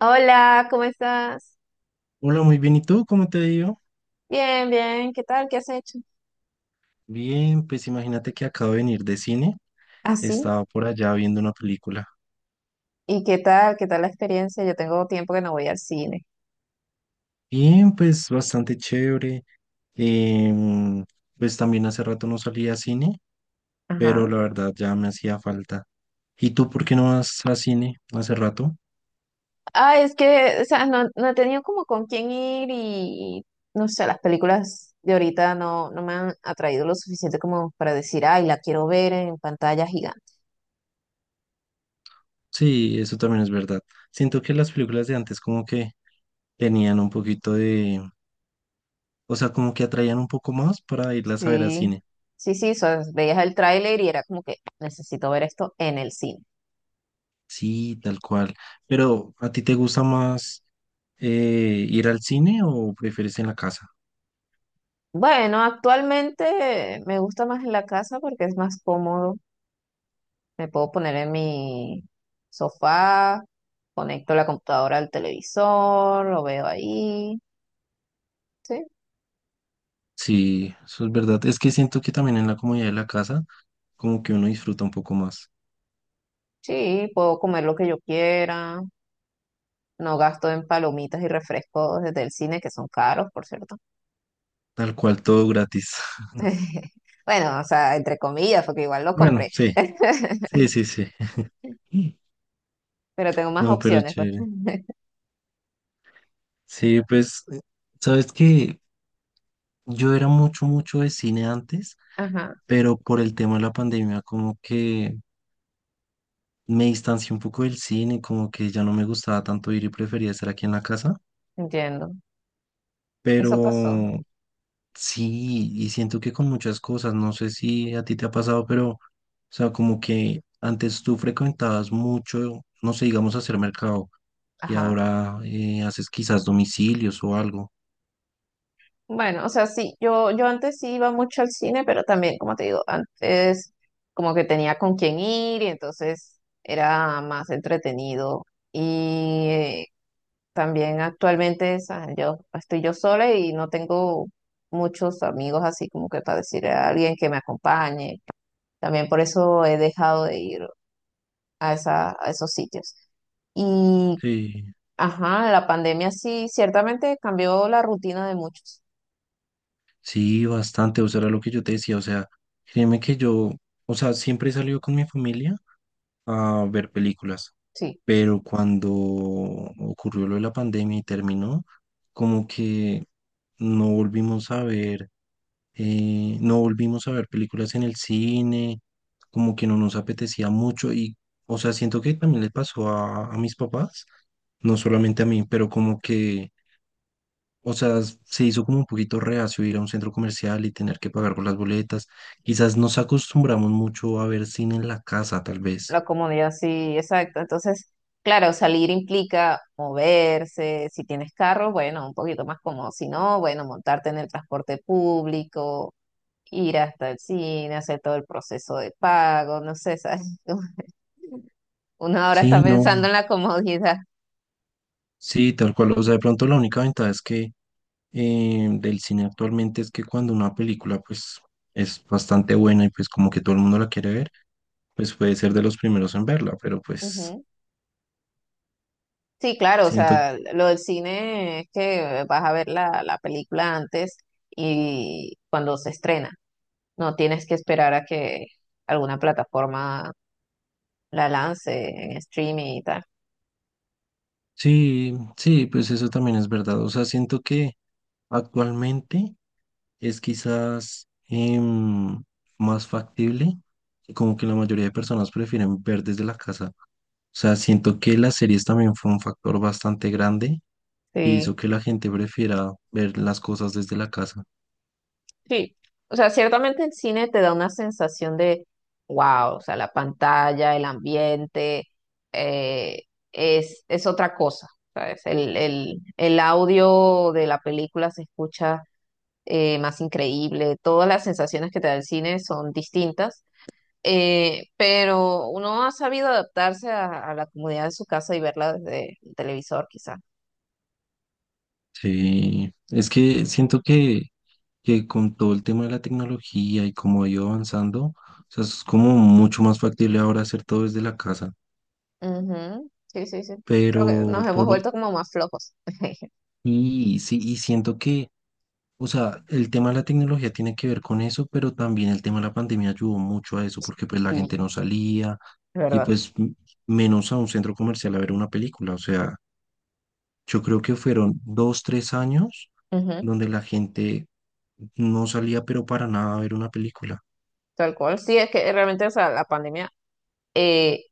Hola, ¿cómo estás? Hola, muy bien. ¿Y tú? ¿Cómo te ha ido? Bien, bien, ¿qué tal? ¿Qué has hecho? Bien, pues imagínate que acabo de venir de cine. ¿Ah, sí? Estaba por allá viendo una película. ¿Y qué tal? ¿Qué tal la experiencia? Yo tengo tiempo que no voy al cine. Bien, pues bastante chévere. Em, pues también hace rato no salía a cine, Ajá. pero la verdad ya me hacía falta. ¿Y tú por qué no vas a cine hace rato? Ah, es que, o sea, no, no he tenido como con quién ir y, no sé, las películas de ahorita no, no me han atraído lo suficiente como para decir, ay, la quiero ver en pantalla gigante. Sí, eso también es verdad. Siento que las películas de antes como que tenían un poquito de, o sea, como que atraían un poco más para irlas a ver a Sí. cine. Sí, sí, o sea, veías el tráiler y era como que necesito ver esto en el cine. Sí, tal cual. Pero, ¿a ti te gusta más ir al cine o prefieres en la casa? Bueno, actualmente me gusta más en la casa porque es más cómodo. Me puedo poner en mi sofá, conecto la computadora al televisor, lo veo ahí. Sí, Sí, eso es verdad. Es que siento que también en la comodidad de la casa, como que uno disfruta un poco más. sí, puedo comer lo que yo quiera. No gasto en palomitas y refrescos desde el cine, que son caros, por cierto. Tal cual, todo gratis. Bueno, o sea, entre comillas, porque igual los Bueno, compré. sí, sí, sí, sí. Mm. Pero tengo más No, pero opciones, pues. chévere. Sí, pues, sabes que yo era mucho, mucho de cine antes, Ajá, pero por el tema de la pandemia, como que me distancié un poco del cine, como que ya no me gustaba tanto ir y prefería estar aquí en la casa. entiendo. Eso pasó. Pero sí, y siento que con muchas cosas, no sé si a ti te ha pasado, pero, o sea, como que antes tú frecuentabas mucho, no sé, digamos, hacer mercado, y Ajá. ahora haces quizás domicilios o algo. Bueno, o sea, sí, yo antes sí iba mucho al cine, pero también, como te digo, antes como que tenía con quién ir y entonces era más entretenido. Y también actualmente, o sea, yo estoy yo sola y no tengo muchos amigos así como que para decirle a alguien que me acompañe. También por eso he dejado de ir a esa, a esos sitios. Y, Sí. ajá, la pandemia sí, ciertamente cambió la rutina de muchos. Sí, bastante, o sea, era lo que yo te decía, o sea, créeme que yo, o sea, siempre he salido con mi familia a ver películas, Sí. pero cuando ocurrió lo de la pandemia y terminó, como que no volvimos a ver. No volvimos a ver películas en el cine, como que no nos apetecía mucho y, o sea, siento que también le pasó a mis papás, no solamente a mí, pero como que, o sea, se hizo como un poquito reacio ir a un centro comercial y tener que pagar por las boletas. Quizás nos acostumbramos mucho a ver cine en la casa, tal vez. La comodidad, sí, exacto. Entonces, claro, salir implica moverse. Si tienes carro, bueno, un poquito más cómodo. Si no, bueno, montarte en el transporte público, ir hasta el cine, hacer todo el proceso de pago, no sé, ¿sabes? Una hora está Sí, no, pensando en la comodidad. sí, tal cual. O sea, de pronto la única ventaja es que del cine actualmente es que cuando una película pues es bastante buena y pues como que todo el mundo la quiere ver, pues puede ser de los primeros en verla, pero pues Ujú. Sí, claro, o siento, sea, lo del cine es que vas a ver la, la película antes y cuando se estrena. No tienes que esperar a que alguna plataforma la lance en streaming y tal. sí, sí, pues eso también es verdad. O sea, siento que actualmente es quizás más factible y como que la mayoría de personas prefieren ver desde la casa. O sea, siento que las series también fue un factor bastante grande y Sí, hizo que la gente prefiera ver las cosas desde la casa. sí. O sea, ciertamente el cine te da una sensación de wow, o sea, la pantalla, el ambiente, eh, es otra cosa, ¿sabes? El audio de la película se escucha más increíble, todas las sensaciones que te da el cine son distintas. Pero uno ha sabido adaptarse a la comodidad de su casa y verla desde el televisor, quizás. Sí, es que siento que con todo el tema de la tecnología y cómo ha ido avanzando, o sea, es como mucho más factible ahora hacer todo desde la casa. Ujú. Sí, sí, sí. Creo que Pero nos hemos por vuelto como más flojos. y sí, y siento que, o sea, el tema de la tecnología tiene que ver con eso, pero también el tema de la pandemia ayudó mucho a eso, porque pues la Sí, gente no salía es y verdad. pues menos a un centro comercial a ver una película. O sea, yo creo que fueron dos, tres años Ujú. donde la gente no salía, pero para nada a ver una película. Tal cual. Sí, es que realmente, o sea, la pandemia eh,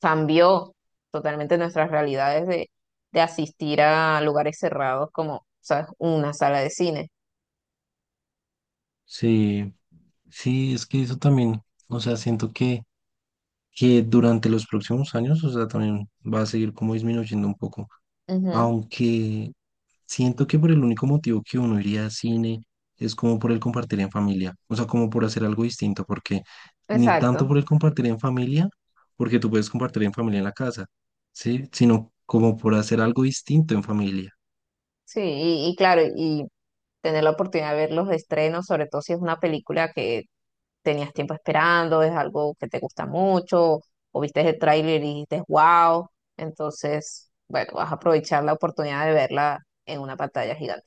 cambió totalmente nuestras realidades de asistir a lugares cerrados como, ¿sabes? Una sala de cine. Sí, sí, es que eso también, o sea, siento que durante los próximos años, o sea, también va a seguir como disminuyendo un poco. Ujú. Aunque siento que por el único motivo que uno iría a cine es como por el compartir en familia, o sea, como por hacer algo distinto, porque ni tanto Exacto. por el compartir en familia, porque tú puedes compartir en familia en la casa, ¿sí? Sino como por hacer algo distinto en familia. Sí, y claro, y tener la oportunidad de ver los estrenos, sobre todo si es una película que tenías tiempo esperando, es algo que te gusta mucho, o viste el tráiler y dijiste, wow, entonces, bueno, vas a aprovechar la oportunidad de verla en una pantalla gigante.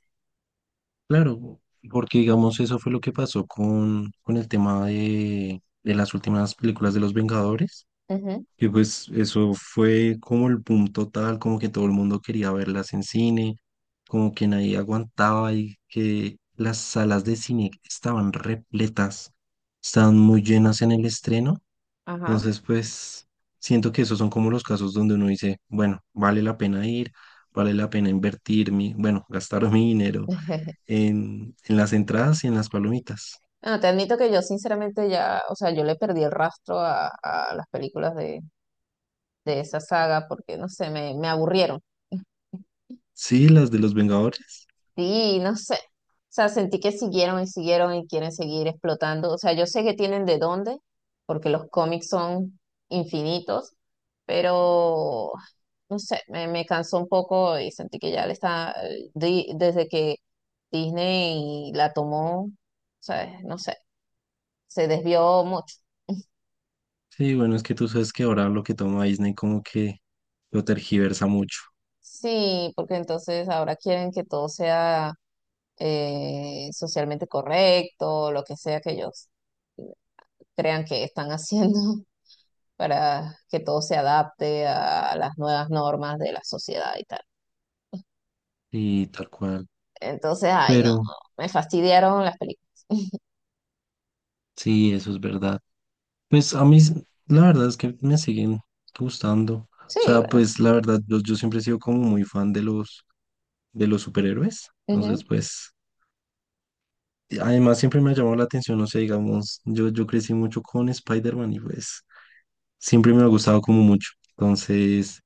Claro, porque digamos eso fue lo que pasó con el tema de las últimas películas de Los Vengadores. Ujú, Que pues eso fue como el boom total, como que todo el mundo quería verlas en cine, como que nadie aguantaba y que las salas de cine estaban repletas, estaban muy llenas en el estreno. ajá. Entonces, pues siento que esos son como los casos donde uno dice, bueno, vale la pena ir, vale la pena invertir mi, bueno, gastar mi dinero en las entradas y en las palomitas. Bueno, te admito que yo sinceramente ya, o sea, yo le perdí el rastro a las películas de esa saga porque, no sé, me aburrieron. Sí, las de los Vengadores. Sí, no sé. O sea, sentí que siguieron y siguieron y quieren seguir explotando. O sea, yo sé que tienen de dónde, porque los cómics son infinitos, pero no sé, me cansó un poco y sentí que ya le está, desde que Disney la tomó, o sea, no sé, se desvió mucho. Sí, bueno, es que tú sabes que ahora lo que toma Disney como que lo tergiversa mucho Sí, porque entonces ahora quieren que todo sea socialmente correcto, lo que sea que ellos. Crean que están haciendo para que todo se adapte a las nuevas normas de la sociedad y tal. y tal cual. Entonces, ay, no, Pero me fastidiaron las películas. sí, eso es verdad. Pues a mí, la verdad es que me siguen gustando. O Sí, sea, bueno, pues la verdad, yo siempre he sido como muy fan de los superhéroes. Entonces, ujú, pues, y además siempre me ha llamado la atención, o sea, digamos, yo crecí mucho con Spider-Man y pues siempre me ha gustado como mucho. Entonces,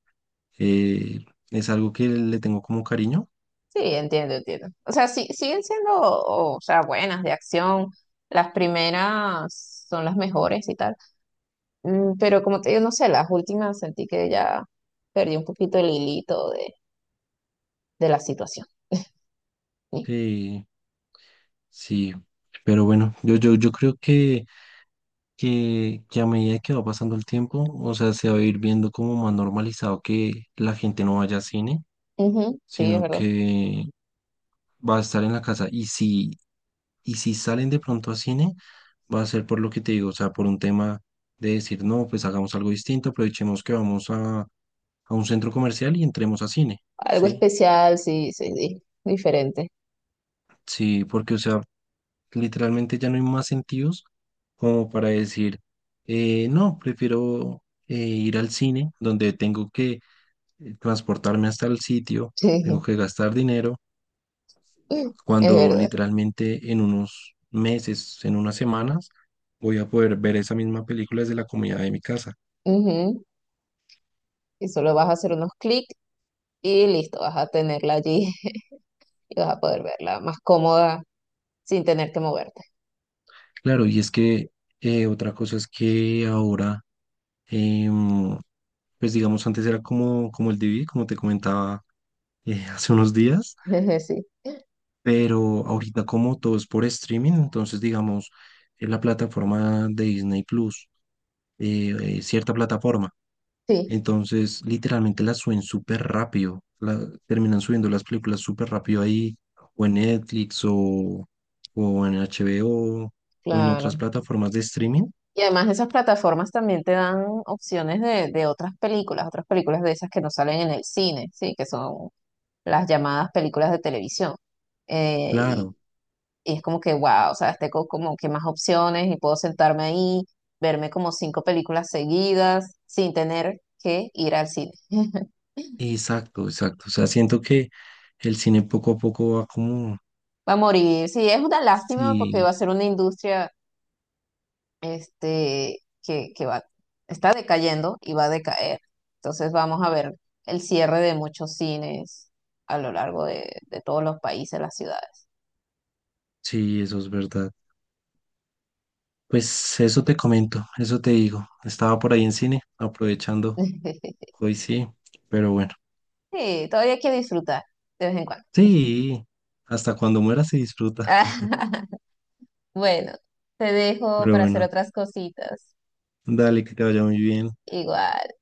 eh, es algo que le tengo como cariño. sí, entiendo, entiendo. O sea, sí, siguen siendo, o sea, buenas de acción. Las primeras son las mejores y tal. Mm. Pero como te digo, no sé, las últimas sentí que ya perdí un poquito el hilito de la situación. Sí. Sí, pero bueno, yo creo que a medida que va pasando el tiempo, o sea, se va a ir viendo como más normalizado que la gente no vaya a cine, Ujú. Sí, es sino verdad. que va a estar en la casa. Y si salen de pronto a cine, va a ser por lo que te digo, o sea, por un tema de decir, no, pues hagamos algo distinto, aprovechemos que vamos a un centro comercial y entremos a cine, Algo ¿sí? especial, sí, sí, sí, diferente. Sí, porque, o sea, literalmente ya no hay más sentidos como para decir, no, prefiero ir al cine donde tengo que transportarme hasta el sitio, tengo Sí, que gastar dinero, es cuando verdad. literalmente en unos meses, en unas semanas, voy a poder ver esa misma película desde la comodidad de mi casa. Ujú. Y solo vas a hacer unos clics y listo, vas a tenerla allí y vas a poder verla más cómoda sin tener que moverte. Claro, y es que otra cosa es que ahora, em, pues digamos, antes era como, como el DVD, como te comentaba hace unos días Sí, pero ahorita como todo es por streaming, entonces digamos, en la plataforma de Disney Plus, cierta plataforma, sí, entonces literalmente la suben súper rápido, la, terminan subiendo las películas súper rápido ahí, o en Netflix, o en HBO, o en otras claro. plataformas de streaming, Y además esas plataformas también te dan opciones de otras películas de esas que no salen en el cine, ¿sí? Que son las llamadas películas de televisión. Eh, y, claro, y es como que, wow, o sea, tengo como que más opciones y puedo sentarme ahí, verme como cinco películas seguidas sin tener que ir al cine. exacto, exacto, o sea, siento que el cine poco a poco va como, Va a morir, sí, es una lástima porque va sí, a ser una industria este, que va, está decayendo y va a decaer. Entonces vamos a ver el cierre de muchos cines a lo largo de todos los países, las ciudades. sí, eso es verdad. Pues eso te comento, eso te digo. Estaba por ahí en cine, aprovechando. Hoy sí, pero bueno. Sí, todavía hay que disfrutar de vez en cuando. Sí, hasta cuando muera se disfruta. Bueno, te dejo Pero para hacer bueno, otras cositas. dale, que te vaya muy bien. Igual.